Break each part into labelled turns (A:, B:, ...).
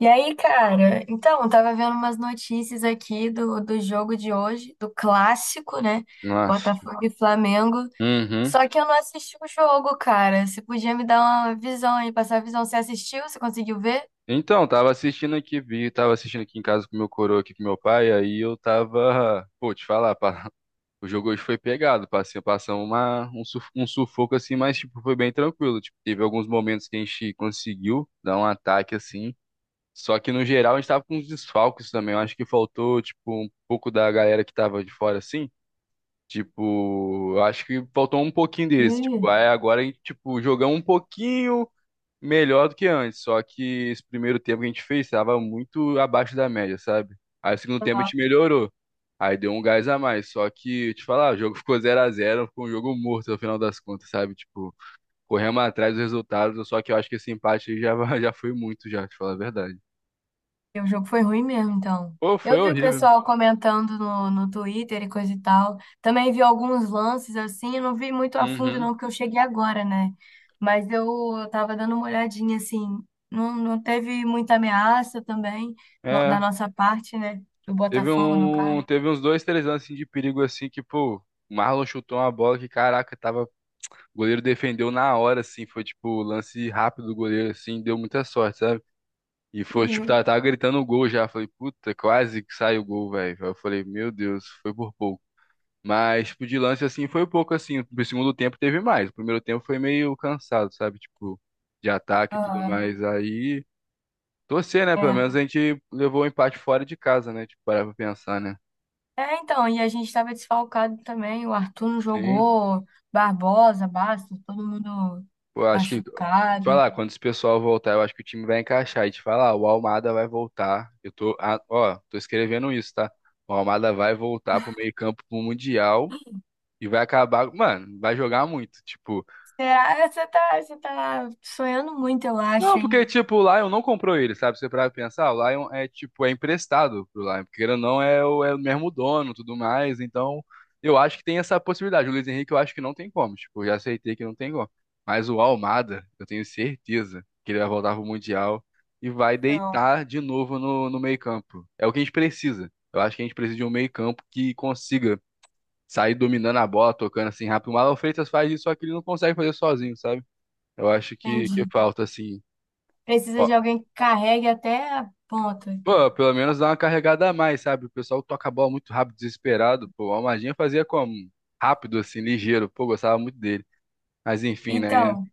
A: E aí, cara? Eu tava vendo umas notícias aqui do jogo de hoje, do clássico, né?
B: Nossa.
A: Botafogo e Flamengo.
B: Uhum.
A: Só que eu não assisti o jogo, cara. Você podia me dar uma visão aí, passar a visão. Você assistiu? Você conseguiu ver?
B: Então, tava assistindo aqui em casa com meu coroa aqui com meu pai, aí eu tava, pô, te falar, pá, o jogo hoje foi pegado, passamos um sufoco assim, mas tipo foi bem tranquilo, tipo, teve alguns momentos que a gente conseguiu dar um ataque assim, só que no geral a gente tava com uns desfalques também, eu acho que faltou tipo um pouco da galera que tava de fora assim. Tipo, eu acho que faltou um pouquinho deles.
A: Ih.
B: Tipo, aí agora a gente, tipo, jogamos um pouquinho, melhor do que antes, só que esse primeiro tempo que a gente fez estava muito abaixo da média, sabe? Aí o segundo tempo a gente melhorou. Aí deu um gás a mais, só que, te falar, o jogo ficou zero a zero, ficou um jogo morto no final das contas, sabe? Tipo, corremos atrás dos resultados, só que eu acho que esse empate aí já, já foi muito já, te falar a verdade.
A: E o jogo foi ruim mesmo, então.
B: Pô, foi
A: Eu vi o
B: horrível.
A: pessoal comentando no Twitter e coisa e tal. Também vi alguns lances assim, eu não vi muito a fundo
B: Uhum.
A: não, porque eu cheguei agora, né? Mas eu, eu tava dando uma olhadinha assim. Não teve muita ameaça também da
B: É,
A: nossa parte, né? Do Botafogo, no caso.
B: teve uns dois, três anos assim de perigo assim que, pô, o Marlon chutou uma bola que, caraca, tava o goleiro defendeu na hora, assim, foi tipo lance rápido do goleiro, assim, deu muita sorte, sabe? E foi, tipo,
A: Uhum.
B: tava gritando o gol já. Falei, puta, quase que sai o gol, velho. Aí eu falei, meu Deus, foi por pouco. Mas, tipo, de lance assim, foi pouco assim. No segundo tempo teve mais. O primeiro tempo foi meio cansado, sabe? Tipo, de ataque e tudo
A: Aham,
B: mais. Aí, torcer, né? Pelo
A: é.
B: menos a gente levou o empate fora de casa, né? Tipo, parar pra pensar, né?
A: É, então, e a gente estava desfalcado também. O Arthur não
B: Sim.
A: jogou, Barbosa, Bastos, todo mundo
B: Eu acho que,
A: machucado.
B: falar, quando esse pessoal voltar, eu acho que o time vai encaixar. E te falar, o Almada vai voltar. Eu tô, ah, ó, tô escrevendo isso, tá? O Almada vai voltar pro meio-campo pro Mundial e vai acabar, mano, vai jogar muito. Tipo,
A: Será? Você tá sonhando muito, eu
B: não,
A: acho, hein?
B: porque, tipo, o Lion não comprou ele, sabe? Você para pensar, o Lion é, tipo, é emprestado pro Lion, porque querendo ou não, é o mesmo dono, tudo mais, então eu acho que tem essa possibilidade. O Luiz Henrique eu acho que não tem como, tipo, eu já aceitei que não tem como. Mas o Almada, eu tenho certeza que ele vai voltar pro Mundial e vai
A: Não,
B: deitar de novo no meio-campo. É o que a gente precisa. Eu acho que a gente precisa de um meio-campo que consiga sair dominando a bola, tocando assim rápido. O Marlon Freitas faz isso, só que ele não consegue fazer sozinho, sabe? Eu acho que
A: entendi.
B: falta, assim.
A: Precisa de alguém que carregue até a ponta, então.
B: Pô, pelo menos dá uma carregada a mais, sabe? O pessoal toca a bola muito rápido, desesperado. Pô, o Almadinha fazia como? Rápido, assim, ligeiro. Pô, gostava muito dele. Mas enfim, né?
A: Então.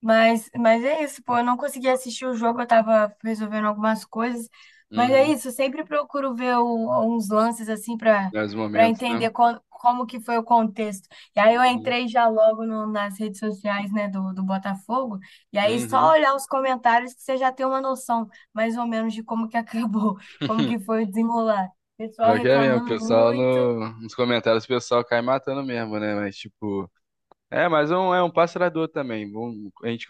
A: Mas é isso, pô. Eu não consegui assistir o jogo, eu tava resolvendo algumas coisas. Mas é
B: Uhum.
A: isso, eu sempre procuro ver uns lances assim pra
B: Nos
A: para
B: momentos, né?
A: entender como que foi o contexto. E aí eu
B: Uhum.
A: entrei já logo nas redes sociais, né, do Botafogo. E aí só
B: Uhum.
A: olhar os comentários que você já tem uma noção, mais ou menos, de como que acabou, como que foi o desenrolar. Pessoal
B: Pior que é mesmo, o
A: reclamando
B: pessoal
A: muito.
B: nos comentários, o pessoal cai matando mesmo, né? Mas, tipo, é, mas é um passe largador também. Um- a gente,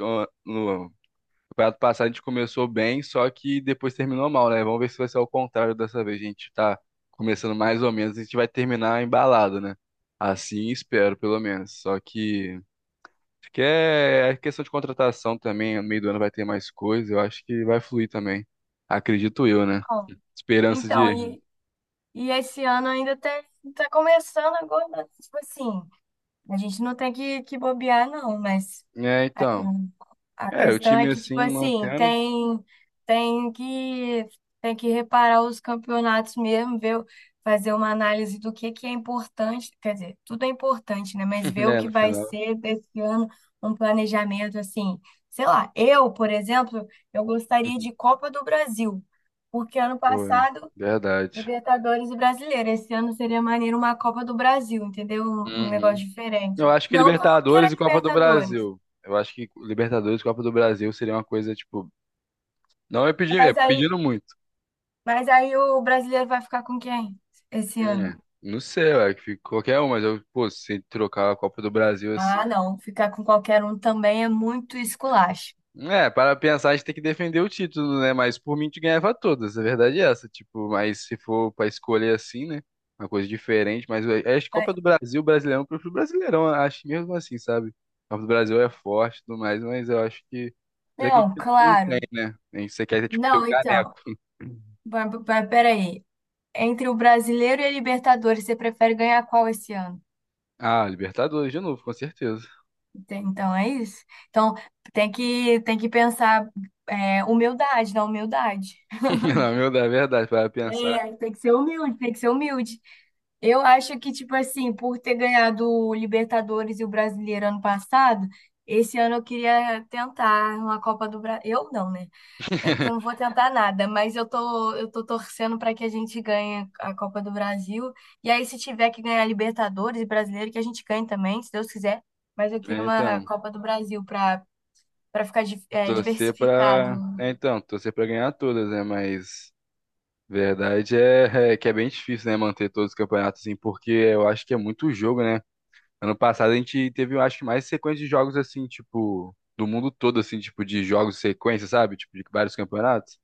B: campeonato passado a gente começou bem, só que depois terminou mal, né? Vamos ver se vai ser ao contrário dessa vez. A gente tá começando mais ou menos, a gente vai terminar embalado, né? Assim espero, pelo menos. Só que, acho que é questão de contratação também. No meio do ano vai ter mais coisa. Eu acho que vai fluir também. Acredito eu, né?
A: Bom,
B: Esperança
A: então,
B: de.
A: e esse ano ainda tá, tá começando agora, né, tipo assim. A gente não tem que bobear, não, mas
B: É,
A: a,
B: então.
A: o- a
B: É, o
A: questão é
B: time
A: que, tipo
B: assim
A: assim,
B: mantendo.
A: tem, tem que, tem que reparar os campeonatos mesmo, ver, fazer uma análise do que é importante, quer dizer, tudo é importante, né? Mas ver o
B: É,
A: que
B: no
A: vai
B: final.
A: ser desse ano, um planejamento assim. Sei lá, eu, por exemplo, eu gostaria de Copa do Brasil, porque ano
B: Pô, é
A: passado
B: verdade.
A: Libertadores e Brasileiro. Esse ano seria maneiro uma Copa do Brasil, entendeu? Um
B: Uhum.
A: negócio diferente.
B: Eu acho que
A: Não que eu não queira
B: Libertadores e Copa do
A: Libertadores,
B: Brasil. Eu acho que Libertadores e Copa do Brasil seria uma coisa, tipo. Não é pedir, é
A: mas aí,
B: pedindo muito.
A: mas aí o brasileiro vai ficar com quem esse
B: É.
A: ano?
B: Não sei, ué, que fica qualquer um, mas eu, pô, se trocar a Copa do Brasil
A: Ah,
B: assim.
A: não, ficar com qualquer um também é muito esculacho.
B: É, para pensar, a gente tem que defender o título, né? Mas por mim, a gente ganhava todas, a verdade é essa. Tipo, mas se for para escolher assim, né? Uma coisa diferente, mas é a Copa
A: Vai-
B: do Brasil, Brasileirão, eu prefiro Brasileirão, acho que mesmo assim, sabe? A Copa do Brasil é forte e tudo mais, mas eu acho que. Apesar que a
A: Não,
B: gente não tem,
A: claro.
B: né? A gente você quer, tipo, ter o
A: Não, então,
B: caneco.
A: vai- vai- peraí. Entre o brasileiro e a Libertadores, você prefere ganhar qual esse ano?
B: Ah, Libertadores de novo, com certeza.
A: Ente- Então é isso? Então tem que pensar é, humildade, na humildade.
B: Na meu da verdade, para pensar.
A: É, tem que ser humilde, tem que ser humilde. Eu acho que, tipo assim, por ter ganhado o Libertadores e o Brasileiro ano passado, esse ano eu queria tentar uma Copa do Brasil. Eu não, né? É porque eu não vou tentar nada, mas eu tô torcendo para que a gente ganhe a Copa do Brasil. E aí, se tiver que ganhar Libertadores e Brasileiro, que a gente ganhe também, se Deus quiser. Mas eu queria
B: É,
A: uma
B: então,
A: Copa do Brasil para para ficar é,
B: torcer
A: diversificado.
B: pra. É, então, torcer pra ganhar todas, né? Mas. Verdade é, é que é bem difícil, né, manter todos os campeonatos assim, porque eu acho que é muito jogo, né? Ano passado a gente teve, eu acho que mais sequência de jogos assim, tipo, do mundo todo, assim, tipo, de jogos sequência, sabe? Tipo, de vários campeonatos.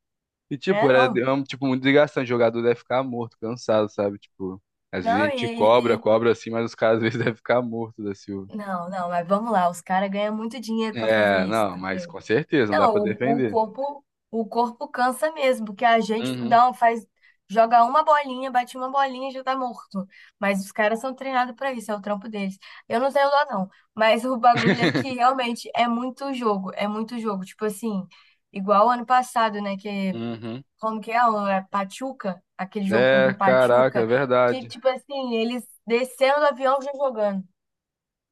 B: E, tipo,
A: É,
B: era,
A: não.
B: é um, tipo, muito desgastante. O jogador deve ficar morto, cansado, sabe? Tipo, às vezes a
A: Não,
B: gente cobra,
A: e,
B: cobra assim, mas os caras às vezes devem ficar mortos da Silva.
A: não, não, mas vamos lá, os caras ganham muito dinheiro pra fazer
B: É,
A: isso,
B: não, mas
A: entendeu?
B: com certeza, não dá
A: Não,
B: pra
A: o, o
B: defender.
A: corpo, o corpo cansa mesmo, porque a gente
B: Uhum.
A: dá um, faz, joga uma bolinha, bate uma bolinha e já tá morto. Mas os caras são treinados pra isso, é o trampo deles. Eu não tenho dó, não, mas o bagulho é que realmente é muito jogo, é muito jogo. Tipo assim, igual ano passado, né, que
B: Uhum.
A: como que é, é Pachuca, aquele jogo contra
B: É,
A: o
B: caraca, é
A: Pachuca, que
B: verdade.
A: tipo assim, eles desceram do avião já jogando.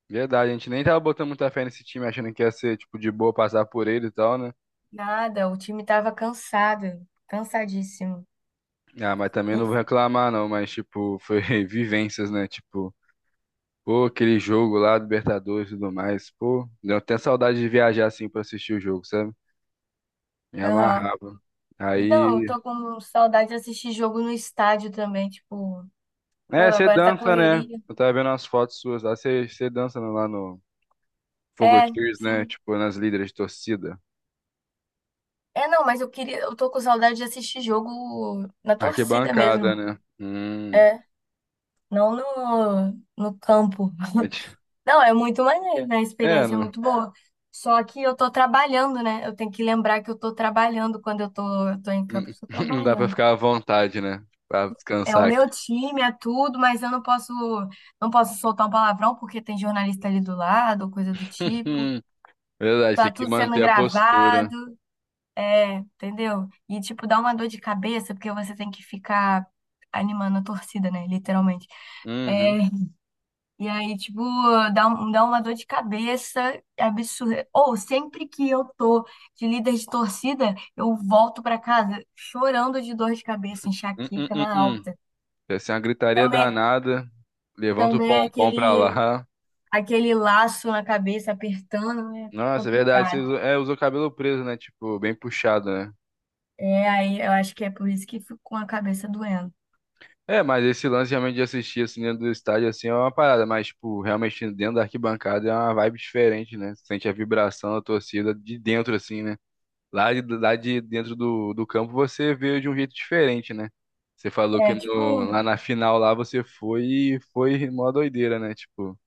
B: Verdade, a gente nem tava botando muita fé nesse time, achando que ia ser, tipo, de boa passar por ele e tal, né?
A: Nada, o time tava cansado, cansadíssimo.
B: Ah, mas também não vou
A: Enfim.
B: reclamar, não, mas, tipo, foi vivências, né? Tipo, pô, aquele jogo lá, Libertadores e tudo mais, pô, deu até saudade de viajar, assim, pra assistir o jogo, sabe? Me
A: Aham.
B: amarrava.
A: Não, eu
B: Aí,
A: tô com saudade de assistir jogo no estádio também, tipo, pô,
B: é, você
A: agora tá
B: dança, né?
A: correria.
B: Eu tava vendo umas fotos suas lá, você dança lá no
A: É,
B: Fogotiers, né?
A: sim.
B: Tipo, nas líderes de torcida.
A: É, não, mas eu queria, eu tô com saudade de assistir jogo na torcida
B: Arquibancada,
A: mesmo.
B: né?
A: É, não no campo.
B: É, di-
A: Não, é muito maneiro, né? A
B: é,
A: experiência é
B: não.
A: muito boa. Só que eu tô trabalhando, né? Eu tenho que lembrar que eu tô trabalhando quando eu tô em campo,
B: Hum.
A: eu tô
B: Não dá pra
A: trabalhando.
B: ficar à vontade, né? Pra
A: É o
B: descansar aqui.
A: meu time, é tudo, mas eu não posso, não posso soltar um palavrão porque tem jornalista ali do lado, ou coisa do tipo.
B: Verdade,
A: Tá
B: tem que
A: tudo sendo
B: manter a postura.
A: gravado, é, entendeu? E tipo, dá uma dor de cabeça porque você tem que ficar animando a torcida, né? Literalmente.
B: Uhum.
A: É, e aí, tipo, dá, dá uma dor de cabeça absurda. Ou sempre que eu tô de líder de torcida, eu volto pra casa chorando de dor de cabeça,
B: Hum, hum,
A: enxaqueca
B: hum,
A: na
B: hum.
A: alta.
B: Deve ser uma gritaria
A: Também,
B: danada. Levanta o
A: também é
B: pompom pra
A: aquele
B: lá.
A: aquele laço na cabeça apertando, né?
B: Nossa, é verdade, você
A: Complicado.
B: usou, é, usou o cabelo preso, né? Tipo, bem puxado, né?
A: É, aí eu acho que é por isso que fico com a cabeça doendo.
B: É, mas esse lance realmente de assistir assim dentro do estádio assim é uma parada, mas tipo, realmente dentro da arquibancada é uma vibe diferente, né? Sente a vibração da torcida de dentro assim, né? Lá, lá de dentro do, do campo você veio de um jeito diferente, né? Você falou que
A: É, tipo,
B: lá na final lá você foi e foi mó doideira, né? Tipo,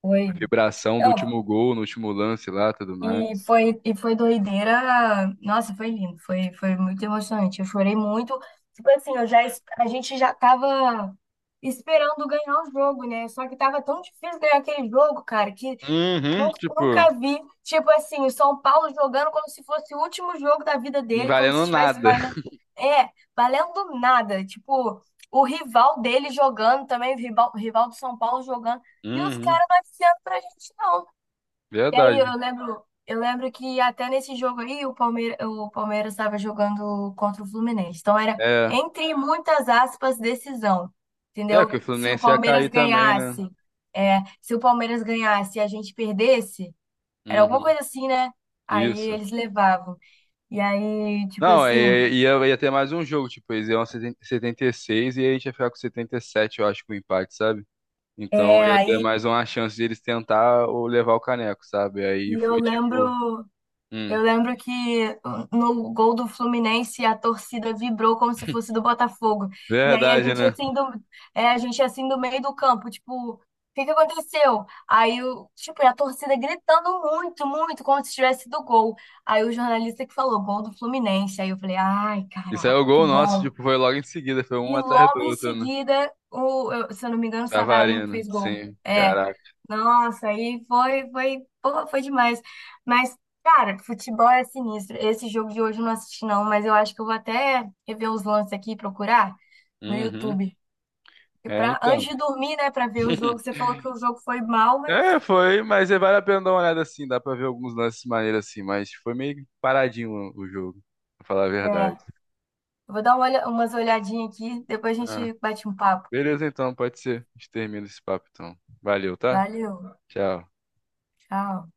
A: foi.
B: vibração do
A: Não,
B: último gol, no último lance lá, tudo mais.
A: e foi doideira. Nossa, foi lindo, foi, foi muito emocionante. Eu chorei muito. Tipo assim, a gente já tava esperando ganhar o jogo, né? Só que tava tão difícil ganhar aquele jogo, cara, que
B: Uhum. Tipo,
A: Nunca vi, tipo assim, o São Paulo jogando como se fosse o último jogo da vida
B: não
A: dele, como se
B: valendo
A: estivesse
B: nada.
A: valendo, é, valendo nada. Tipo, o rival dele jogando também, o rival do São Paulo jogando, e os
B: Uhum.
A: caras não avisando pra gente, não. E aí
B: Verdade.
A: eu lembro que até nesse jogo aí o Palmeiras estava jogando contra o Fluminense. Então era,
B: É,
A: entre muitas aspas, decisão.
B: é que
A: Entendeu?
B: o
A: Se o
B: Fluminense ia
A: Palmeiras
B: cair também, né?
A: ganhasse, é, se o Palmeiras ganhasse e a gente perdesse. Era alguma
B: Uhum.
A: coisa assim, né? Aí
B: Isso.
A: eles levavam. E aí, tipo
B: Não,
A: assim,
B: ia ter mais um jogo, tipo, eles iam 76 e aí a gente ia ficar com 77 eu acho, com o empate, sabe? Então
A: é,
B: ia ter
A: aí
B: mais uma chance de eles tentar ou levar o caneco, sabe? Aí
A: e
B: foi tipo. Hum,
A: eu lembro que no gol do Fluminense a torcida vibrou como se fosse do Botafogo. E aí a
B: verdade,
A: gente
B: né?
A: assim do, é, a gente assim do meio do campo, tipo, o que que aconteceu? Aí o, tipo, e a torcida gritando muito, muito, como se tivesse do gol. Aí o jornalista que falou, gol do Fluminense. Aí eu falei, ai,
B: Isso aí é
A: caraca,
B: o
A: que
B: gol nosso,
A: bom.
B: tipo, foi logo em seguida, foi um
A: E
B: atrás do
A: logo em
B: outro, né?
A: seguida, se eu não me engano, o Savarino que
B: Tavarino,
A: fez gol.
B: sim,
A: É.
B: caraca.
A: Nossa, aí foi, foi, pô, foi demais. Mas, cara, futebol é sinistro. Esse jogo de hoje eu não assisti, não, mas eu acho que eu vou até rever os lances aqui e procurar no
B: Uhum.
A: YouTube. E
B: É,
A: pra, antes
B: então.
A: de dormir, né, pra ver o jogo, você falou que o jogo foi mal, mas.
B: É, foi, mas é, vale a pena dar uma olhada assim, dá pra ver alguns lances maneiros assim, mas foi meio paradinho o jogo, pra falar a
A: É.
B: verdade.
A: Eu vou dar uma umas olhadinhas aqui, depois a
B: Ah,
A: gente bate um papo.
B: beleza então, pode ser. A gente termina esse papo então. Valeu, tá?
A: Valeu,
B: Tchau.
A: tchau.